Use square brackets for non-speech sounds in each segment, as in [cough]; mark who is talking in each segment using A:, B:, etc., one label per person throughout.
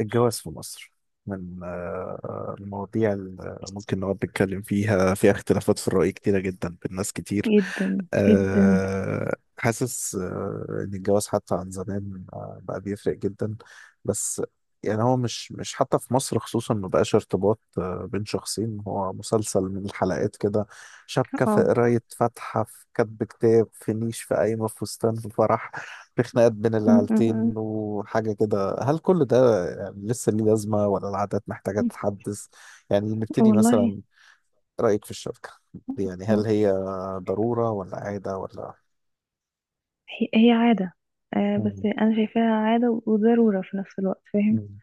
A: الجواز في مصر من المواضيع اللي ممكن نقعد نتكلم فيها، فيها اختلافات في الرأي كتيرة جدا بين ناس كتير. حاسس إن الجواز حتى عن زمان بقى بيفرق جدا. بس يعني هو مش حتى في مصر خصوصا ما بقاش ارتباط بين شخصين. هو مسلسل من الحلقات كده، شبكة، في
B: يتفاعل.
A: قراية، فاتحة، في كتب كتاب، في نيش، في قايمة، في فستان، في فرح، في خناقات بين
B: م-
A: العيلتين
B: م-
A: وحاجة كده. فهل كل ده يعني لسه ليه لازمة ولا العادات محتاجة
B: م.
A: تتحدث؟ يعني نبتدي
B: والله.
A: مثلا، رأيك في الشبكة دي، يعني هل
B: قول.
A: هي ضرورة ولا عادة ولا...
B: هي عادة. آه، بس
A: مم.
B: أنا شايفاها عادة وضرورة في نفس الوقت، فاهم؟
A: مم.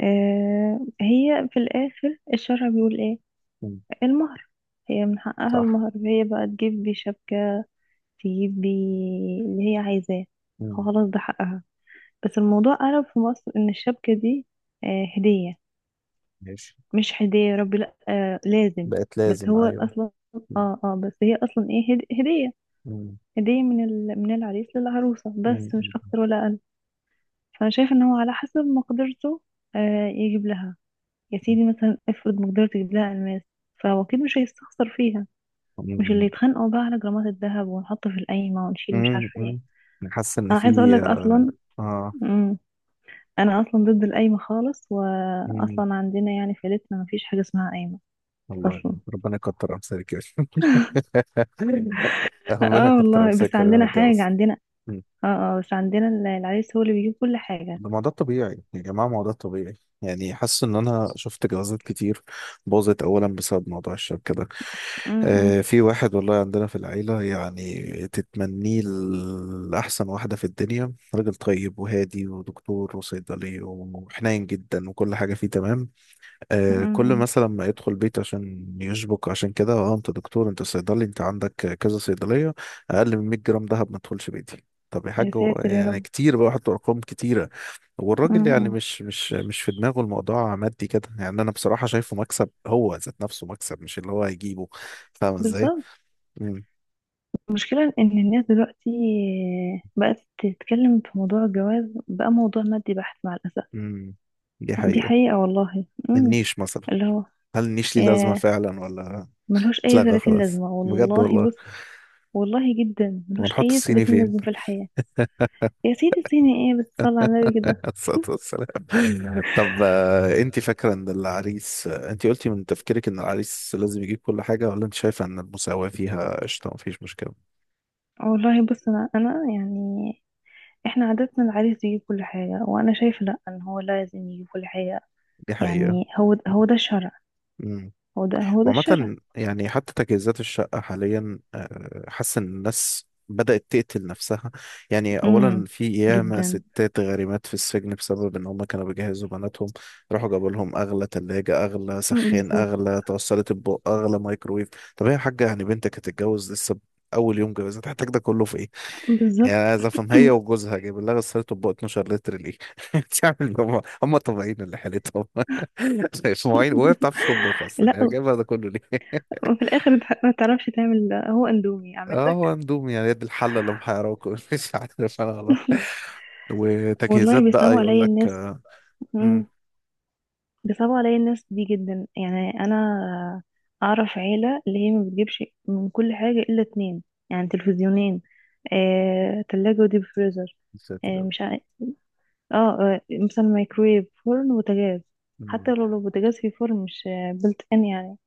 B: آه، هي في الآخر الشرع بيقول إيه؟
A: مم.
B: المهر، هي من حقها
A: صح.
B: المهر، هي بقى تجيب بيه شبكة، تجيب بيه اللي هي عايزاه،
A: مم.
B: خلاص ده حقها. بس الموضوع قلب في مصر إن الشبكة دي آه هدية،
A: ماشي.
B: مش هدية يا ربي، لأ آه لازم.
A: بقت
B: بس
A: لازم،
B: هو
A: أيوه.
B: أصلا
A: مم.
B: اه اه، بس هي أصلا إيه، هدية.
A: مم.
B: هدية من ال... من العريس للعروسة،
A: مم.
B: بس مش أكتر ولا أقل. فأنا شايف إن هو على حسب مقدرته آه يجيب لها، يا سيدي مثلا افرض مقدرته يجيب لها ألماس، فهو أكيد مش هيستخسر فيها. مش اللي
A: مم.
B: يتخانقوا بقى على جرامات الذهب ونحطه في القايمة ونشيل مش
A: مم.
B: عارفة ايه.
A: مم. أنا حاسس إن
B: أنا عايزة
A: في
B: أقولك أصلا.
A: آه
B: مم. أنا أصلا ضد القايمة خالص،
A: مم.
B: وأصلا عندنا يعني في عيلتنا مفيش حاجة اسمها قايمة
A: والله،
B: أصلا.
A: ربنا يكتر أمثالك يا شيخ. [laughs] ربنا
B: اه
A: يكتر
B: والله
A: أمثالك،
B: بس
A: خلينا
B: عندنا حاجة،
A: نتجوز.
B: عندنا اه اه، بس عندنا العريس هو اللي بيجيب كل حاجة.
A: ده ما ده الطبيعي يا جماعة، ما هو ده الطبيعي. يعني حاسس ان انا شفت جوازات كتير باظت اولا بسبب موضوع الشبكة ده.
B: مم، مم،
A: في واحد والله عندنا في العيلة يعني تتمنيه لأحسن واحدة في الدنيا، راجل طيب وهادي ودكتور وصيدلي وحنين جدا وكل حاجة فيه تمام.
B: مم،
A: كل
B: مم.
A: مثلا ما يدخل بيت عشان يشبك عشان كده، اه انت دكتور، انت صيدلي، انت عندك كذا صيدلية، اقل من 100 جرام دهب ما تدخلش بيتي. طب يا حاج،
B: يا
A: هو
B: ساتر يا
A: يعني
B: رب.
A: كتير بقى حطوا ارقام كتير. والراجل يعني
B: امم.
A: مش في دماغه الموضوع مادي كده، يعني انا بصراحة شايفه مكسب، هو ذات نفسه مكسب مش اللي هو هيجيبه، فاهم ازاي.
B: بالظبط.
A: امم.
B: المشكلة إن الناس دلوقتي بقت تتكلم في موضوع الجواز، بقى موضوع مادي بحت مع الأسف.
A: امم، دي
B: دي
A: حقيقة.
B: حقيقة والله. امم.
A: النيش مثلا،
B: اللي هو
A: هل النيش ليه لازمة
B: آه،
A: فعلا ولا...
B: ملهوش أي
A: اتلغى
B: 30
A: خلاص
B: لازمة
A: بجد
B: والله،
A: والله.
B: بص والله جدا ملهوش
A: ونحط
B: أي
A: الصيني
B: 30
A: فين؟
B: لازمة في الحياة. يا سيدي سيني إيه بس، صلى على النبي كده.
A: [laughs] الصلاة والسلام. طب انت فاكرة ان العريس، انت قلتي من تفكيرك ان العريس لازم يجيب كل حاجة، ولا انت شايفة ان المساواة فيها قشطة مفيش مشكلة؟
B: والله بص، أنا يعني إحنا عادتنا العريس يجيب كل حاجة، وأنا شايفة لأ إن هو لازم يجيب كل حاجة.
A: دي حقيقة.
B: يعني هو ده الشرع، هو ده الشرع
A: عامة يعني حتى تجهيزات الشقة حاليا حاسس إن الناس بدأت تقتل نفسها. يعني أولا
B: امم.
A: في ياما
B: جدا.
A: ستات غارمات في السجن بسبب إن هما كانوا بيجهزوا بناتهم، راحوا جابوا لهم أغلى تلاجة، أغلى
B: مم،
A: سخان،
B: بالظبط.
A: أغلى توصلت أطباق، أغلى مايكرويف. طب هي يا حاجة، يعني بنتك هتتجوز لسه، أول يوم جوازها تحتاج ده كله في إيه؟ هي
B: بالظبط.
A: عايز افهم، هي وجوزها جايب لها غسالة اطباق 12 لتر ليه؟ [laughs] بتعمل هم هم طبيعيين اللي حالتهم. [laughs] مش مواعين وهي ما بتعرفش تطبخ اصلا،
B: لا،
A: هي جايبها ده كله ليه؟ [laughs]
B: وفي الاخر انت ما تعرفش تعمل هو اندومي اعمل
A: اه
B: لك.
A: هو اندومي يعني، يد الحلة اللي محيراكم. [laughs] مش عارف انا والله. وتجهيزات
B: والله
A: بقى
B: بيصعبوا
A: يقول
B: عليا
A: لك.
B: الناس.
A: امم.
B: مم، بيصعبوا عليا الناس دي جدا. يعني انا اعرف عيله اللي هي ما بتجيبش من كل حاجه الا اتنين، يعني تلفزيونين، آه، تلاجة وديب فريزر،
A: يا ساتر يا
B: آه،
A: رب.
B: مش عارف اه، آه، مثلا مايكرويف فرن وبوتاجاز. حتى
A: مم.
B: لو البوتاجاز فيه فرن مش بلت ان، يعني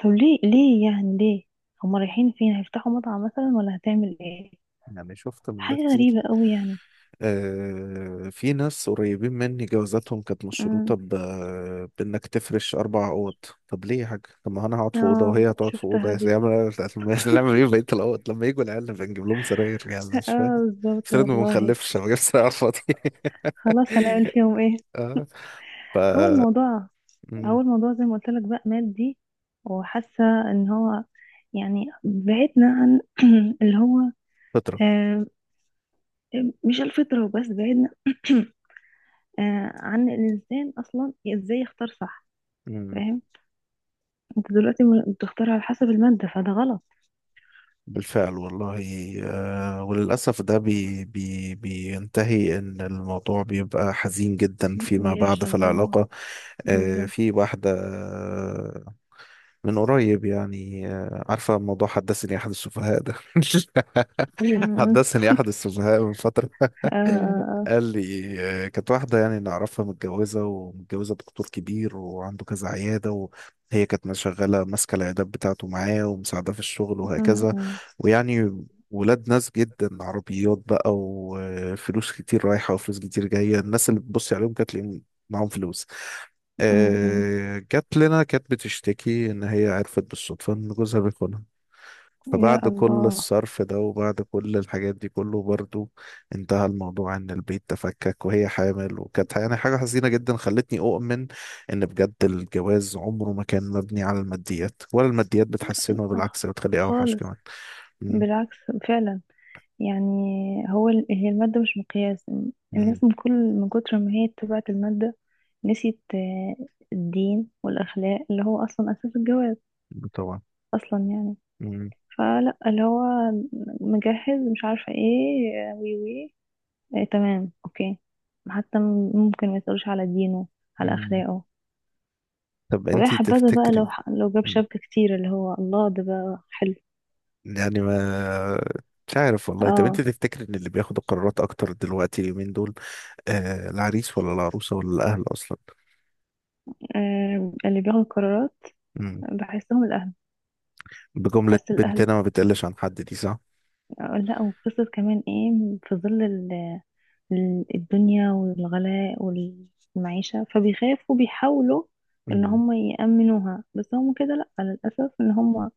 B: طب ليه، ليه يعني ليه؟ هما رايحين فين، هيفتحوا مطعم مثلا ولا هتعمل ايه؟
A: يعني شفت من ده
B: حاجة
A: كتير.
B: غريبة قوي يعني.
A: في ناس قريبين مني جوازاتهم كانت مشروطة
B: امم.
A: بإنك تفرش أربع أوض. طب ليه يا حاج؟ طب ما أنا هقعد في أوضة
B: اه
A: وهي هتقعد في أوضة
B: شفتها
A: يا
B: دي.
A: سيدي، نعمل إيه في بقية الأوض؟ لما يجوا العيال نبقى نجيب لهم سراير، يعني مش فاهم.
B: اه بالظبط
A: افترض ما
B: والله.
A: بنخلفش، ما جبتش سراير على الفاضي.
B: خلاص هنعمل
A: [laughs]
B: فيهم ايه.
A: آه، ف
B: هو الموضوع،
A: مم،
B: هو الموضوع زي ما قلت لك بقى مادي، وحاسه ان هو يعني بعدنا عن [clears throat] اللي هو
A: فطرة.
B: آه، مش الفطره وبس، بعدنا [clears throat] آه، عن الانسان اصلا ازاي يختار صح،
A: مم،
B: فاهم؟ انت دلوقتي بتختار على حسب الماده، فده غلط.
A: بالفعل والله. وللأسف ده بي بي بينتهي إن الموضوع بيبقى حزين جدا فيما بعد في
B: بيفشل اه.
A: العلاقة.
B: بالظبط.
A: في واحدة من قريب يعني، عارفة موضوع حدثني أحد السفهاء ده. [laughs]
B: أمم.
A: حدثني أحد السفهاء من فترة،
B: آه، آه، آه.
A: قال لي كانت واحدة يعني نعرفها متجوزة، ومتجوزة دكتور كبير وعنده كذا عيادة، وهي كانت شغالة ماسكة العيادات بتاعته معاه ومساعدة في الشغل وهكذا.
B: أمم.
A: ويعني ولاد ناس جدا، عربيات بقى وفلوس كتير رايحة وفلوس كتير جاية، الناس اللي بتبصي عليهم كانت تلاقيهم معاهم فلوس.
B: أمم.
A: جت لنا كانت بتشتكي ان هي عرفت بالصدفه ان جوزها بيخونها.
B: يا
A: فبعد كل
B: الله.
A: الصرف ده وبعد كل الحاجات دي كله برضو انتهى الموضوع ان البيت تفكك وهي حامل، وكانت يعني حاجه حزينه جدا خلتني اؤمن ان بجد الجواز عمره ما كان مبني على الماديات، ولا الماديات بتحسنه،
B: آه،
A: بالعكس بتخليه اوحش
B: خالص.
A: كمان. مم،
B: بالعكس. فعلا. يعني هو هي المادة مش مقياس.
A: مم،
B: الناس من كل من كتر ما هي اتبعت المادة نسيت آه، الدين والأخلاق اللي هو أصلا أساس الجواز
A: طبعا.
B: أصلا يعني.
A: مم،
B: فلا اللي هو مجهز مش عارفة ايه آه، وي وي إيه تمام اوكي. حتى ممكن ما يسألوش على دينه، على
A: مم.
B: اخلاقه،
A: طب
B: ويا
A: انتي
B: حبذا بقى لو
A: تفتكري،
B: لو جاب شبكة كتير، اللي هو الله ده بقى حلو.
A: يعني ما... مش عارف والله. طب انت
B: اه.
A: تفتكر ان اللي بياخد القرارات اكتر دلوقتي اليومين دول العريس ولا العروسه ولا الاهل اصلا؟
B: آه، اللي بياخدوا القرارات
A: مم.
B: بحسهم الاهل.
A: بجمله
B: بحس الاهل
A: بنتنا ما بتقلش عن حد، دي صح.
B: آه، لا، وقصة كمان ايه في ظل الدنيا والغلاء والمعيشة، فبيخافوا بيحاولوا ان
A: مم.
B: هم يأمنوها، بس هم كده لا للأسف ان هم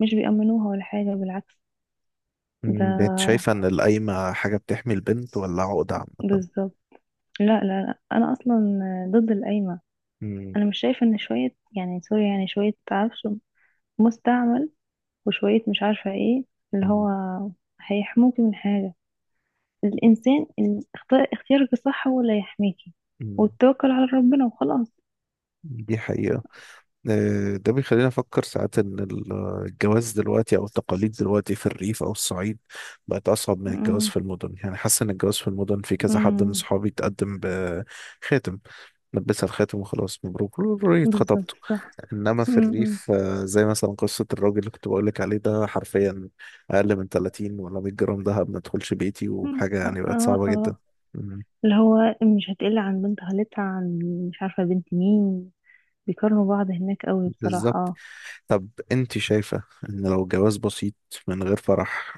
B: مش بيأمنوها ولا حاجة، بالعكس.
A: مم. ده انت شايفه
B: ده
A: ان القايمه حاجه بتحمي البنت ولا عقده عامه؟
B: بالظبط. لا لا لا انا اصلا ضد القايمه.
A: مم.
B: انا مش شايفه ان شويه، يعني سوري يعني شويه عفش مستعمل وشويه مش عارفه ايه اللي هو
A: مم.
B: هيحموكي من حاجه. الانسان اختيارك الصح هو اللي هيحميكي،
A: مم.
B: والتوكل على ربنا وخلاص.
A: دي حقيقه. ده بيخلينا نفكر ساعات إن الجواز دلوقتي أو التقاليد دلوقتي في الريف أو الصعيد بقت أصعب من الجواز
B: امم.
A: في المدن. يعني حاسس إن الجواز في المدن، في كذا حد من
B: امم.
A: صحابي تقدم بخاتم، لبسها الخاتم وخلاص مبروك ريت خطبته.
B: بالظبط. صح.
A: انما في
B: امم.
A: الريف زي مثلا قصه الراجل اللي كنت بقول لك عليه ده، حرفيا اقل من 30 ولا 100 جرام دهب ما تدخلش بيتي،
B: أمم.
A: وحاجه
B: اه
A: يعني بقت
B: اه
A: صعبه جدا.
B: آه.
A: مم،
B: اللي هو مش هتقل عن بنت خالتها، عن مش عارفه بنت مين. بيكرهوا بعض هناك قوي
A: بالظبط.
B: بصراحه.
A: طب انت شايفه ان لو جواز بسيط من غير فرح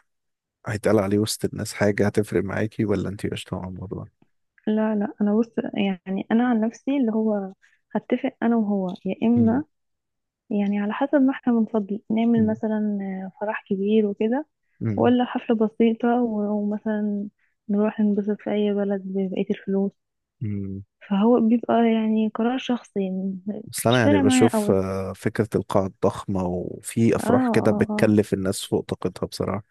A: هيتقال عليه وسط الناس حاجة، هتفرق معاكي ولا انتي قشطة مع الموضوع؟
B: لا لا انا بص، يعني انا عن نفسي اللي هو هتفق انا وهو، يا
A: مم،
B: اما يعني على حسب ما احنا بنفضل نعمل،
A: مم،
B: مثلا فرح كبير وكده،
A: مم،
B: ولا حفلة بسيطة ومثلا نروح ننبسط في اي بلد ببقية الفلوس.
A: مم.
B: فهو بيبقى يعني قرار شخصي يعني.
A: بس أنا
B: مش
A: يعني
B: فارق معايا
A: بشوف
B: قوي.
A: فكرة القاعة الضخمة وفي
B: اه
A: أفراح كده
B: اه اه.
A: بتكلف الناس فوق طاقتها بصراحة.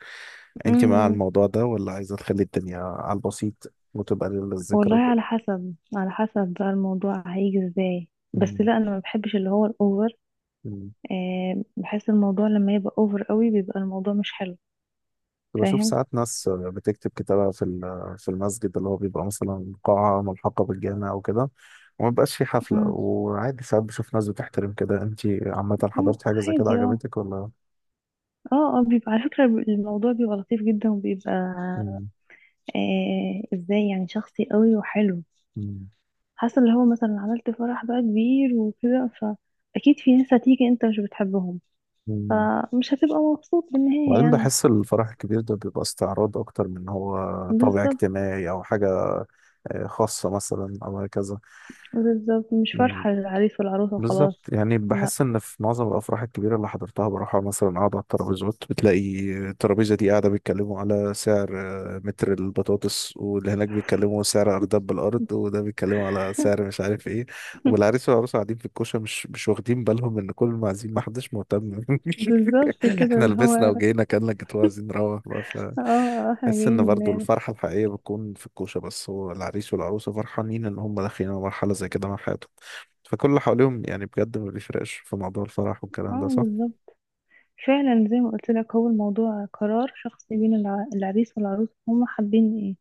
A: انتي مع
B: أمم.
A: الموضوع ده ولا عايزة تخلي الدنيا على البسيط وتبقى للذكرى
B: والله
A: وكده؟
B: على حسب، على حسب بقى الموضوع هيجي ازاي، بس
A: مم،
B: لا انا ما بحبش اللي هو الاوفر.
A: مم.
B: آه، بحس الموضوع لما يبقى اوفر قوي بيبقى الموضوع مش حلو.
A: كنت بشوف
B: فاهم.
A: ساعات ناس بتكتب كتابة في المسجد، اللي هو بيبقى مثلا قاعة ملحقة بالجامع أو كده، وما بيبقاش في حفلة،
B: مم.
A: وعادي ساعات بشوف ناس بتحترم كده. أنت عامة
B: مم،
A: حضرت حاجة زي كده
B: عادي اه.
A: عجبتك ولا؟
B: اه اه بيبقى على فكرة الموضوع بيبقى لطيف جدا، وبيبقى
A: مم.
B: آه ازاي يعني شخصي قوي وحلو.
A: مم.
B: حاسة اللي هو مثلا عملت فرح بقى كبير وكده، فأكيد في ناس هتيجي انت مش بتحبهم،
A: مم.
B: فمش هتبقى مبسوط بالنهاية
A: وبعدين
B: يعني.
A: بحس الفرح الكبير ده بيبقى استعراض أكتر من هو طابع
B: بالظبط.
A: اجتماعي أو حاجة خاصة مثلا أو هكذا.
B: بالظبط مش فرحة للعريس والعروسة
A: بالظبط.
B: وخلاص.
A: يعني
B: لا
A: بحس ان في معظم الافراح الكبيره اللي حضرتها بروحها، مثلا قاعد على الترابيزات بتلاقي الترابيزه دي قاعده بيتكلموا على سعر متر البطاطس، واللي هناك بيتكلموا سعر ارداب بالارض، وده بيتكلموا على سعر مش عارف ايه. والعريس والعروسه قاعدين في الكوشه مش واخدين بالهم ان كل المعازيم ما حدش مهتم.
B: بالظبط
A: [laughs]
B: كده
A: احنا
B: اللي
A: لبسنا
B: هو
A: وجينا كأننا الجاتوه، عايزين نروح بقى
B: اه احنا
A: بحس
B: جايين
A: ان برضو الفرحه الحقيقيه بتكون في الكوشه، بس هو العريس والعروسه فرحانين ان هم داخلين على مرحله زي كده من حياتهم. فكل اللي حواليهم يعني بجد ما بيفرقش في موضوع الفرح والكلام ده،
B: اه
A: صح؟
B: بالظبط. فعلا زي ما قلت لك هو الموضوع قرار شخصي بين العريس والعروس، هما حابين ايه.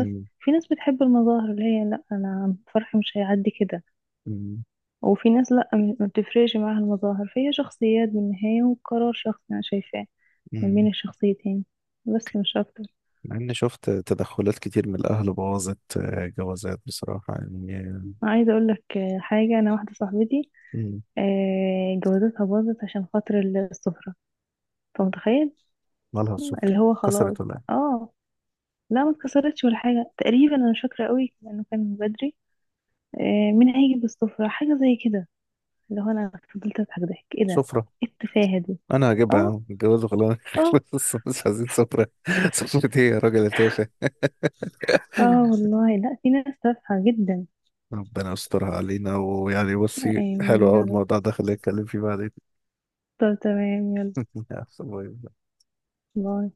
B: بس في ناس بتحب المظاهر اللي هي لا انا فرحي مش هيعدي كده،
A: مم.
B: وفي ناس لا ما بتفرقش معاها المظاهر، فهي شخصيات بالنهاية، وقرار شخصي انا شايفاه ما بين
A: مم.
B: الشخصيتين، بس مش اكتر.
A: مع اني شفت تدخلات كتير من الاهل بوظت جوازات بصراحة يعني.
B: عايزه اقول لك حاجه، انا واحده صاحبتي
A: مم.
B: آه، جوازتها باظت عشان خاطر السفره. انت متخيل؟
A: مالها السفرة؟
B: اللي هو خلاص.
A: كسرت ولا إيه؟
B: اه، لا ما اتكسرتش ولا حاجه تقريبا، انا مش فاكره قوي لانه كان من بدري. آه، مين هيجي بالسفرة، حاجة زي كده اللي هو أنا فضلت أضحك، ضحك إيه ده،
A: سفرة،
B: إيه التفاهة دي.
A: انا هجيبها يا
B: اه.
A: عم الجواز خلاص. [laughs]
B: اه
A: خلص مش عايزين سفرة. [laughs] سفرة ايه يا راجل يا تافه؟
B: اه والله لا في ناس تافهة جدا.
A: ربنا يسترها علينا. ويعني بصي، حلو
B: آمين
A: اول
B: يا رب.
A: الموضوع ده خلينا نتكلم فيه بعدين.
B: طب تمام يلا.
A: [laughs]
B: باي.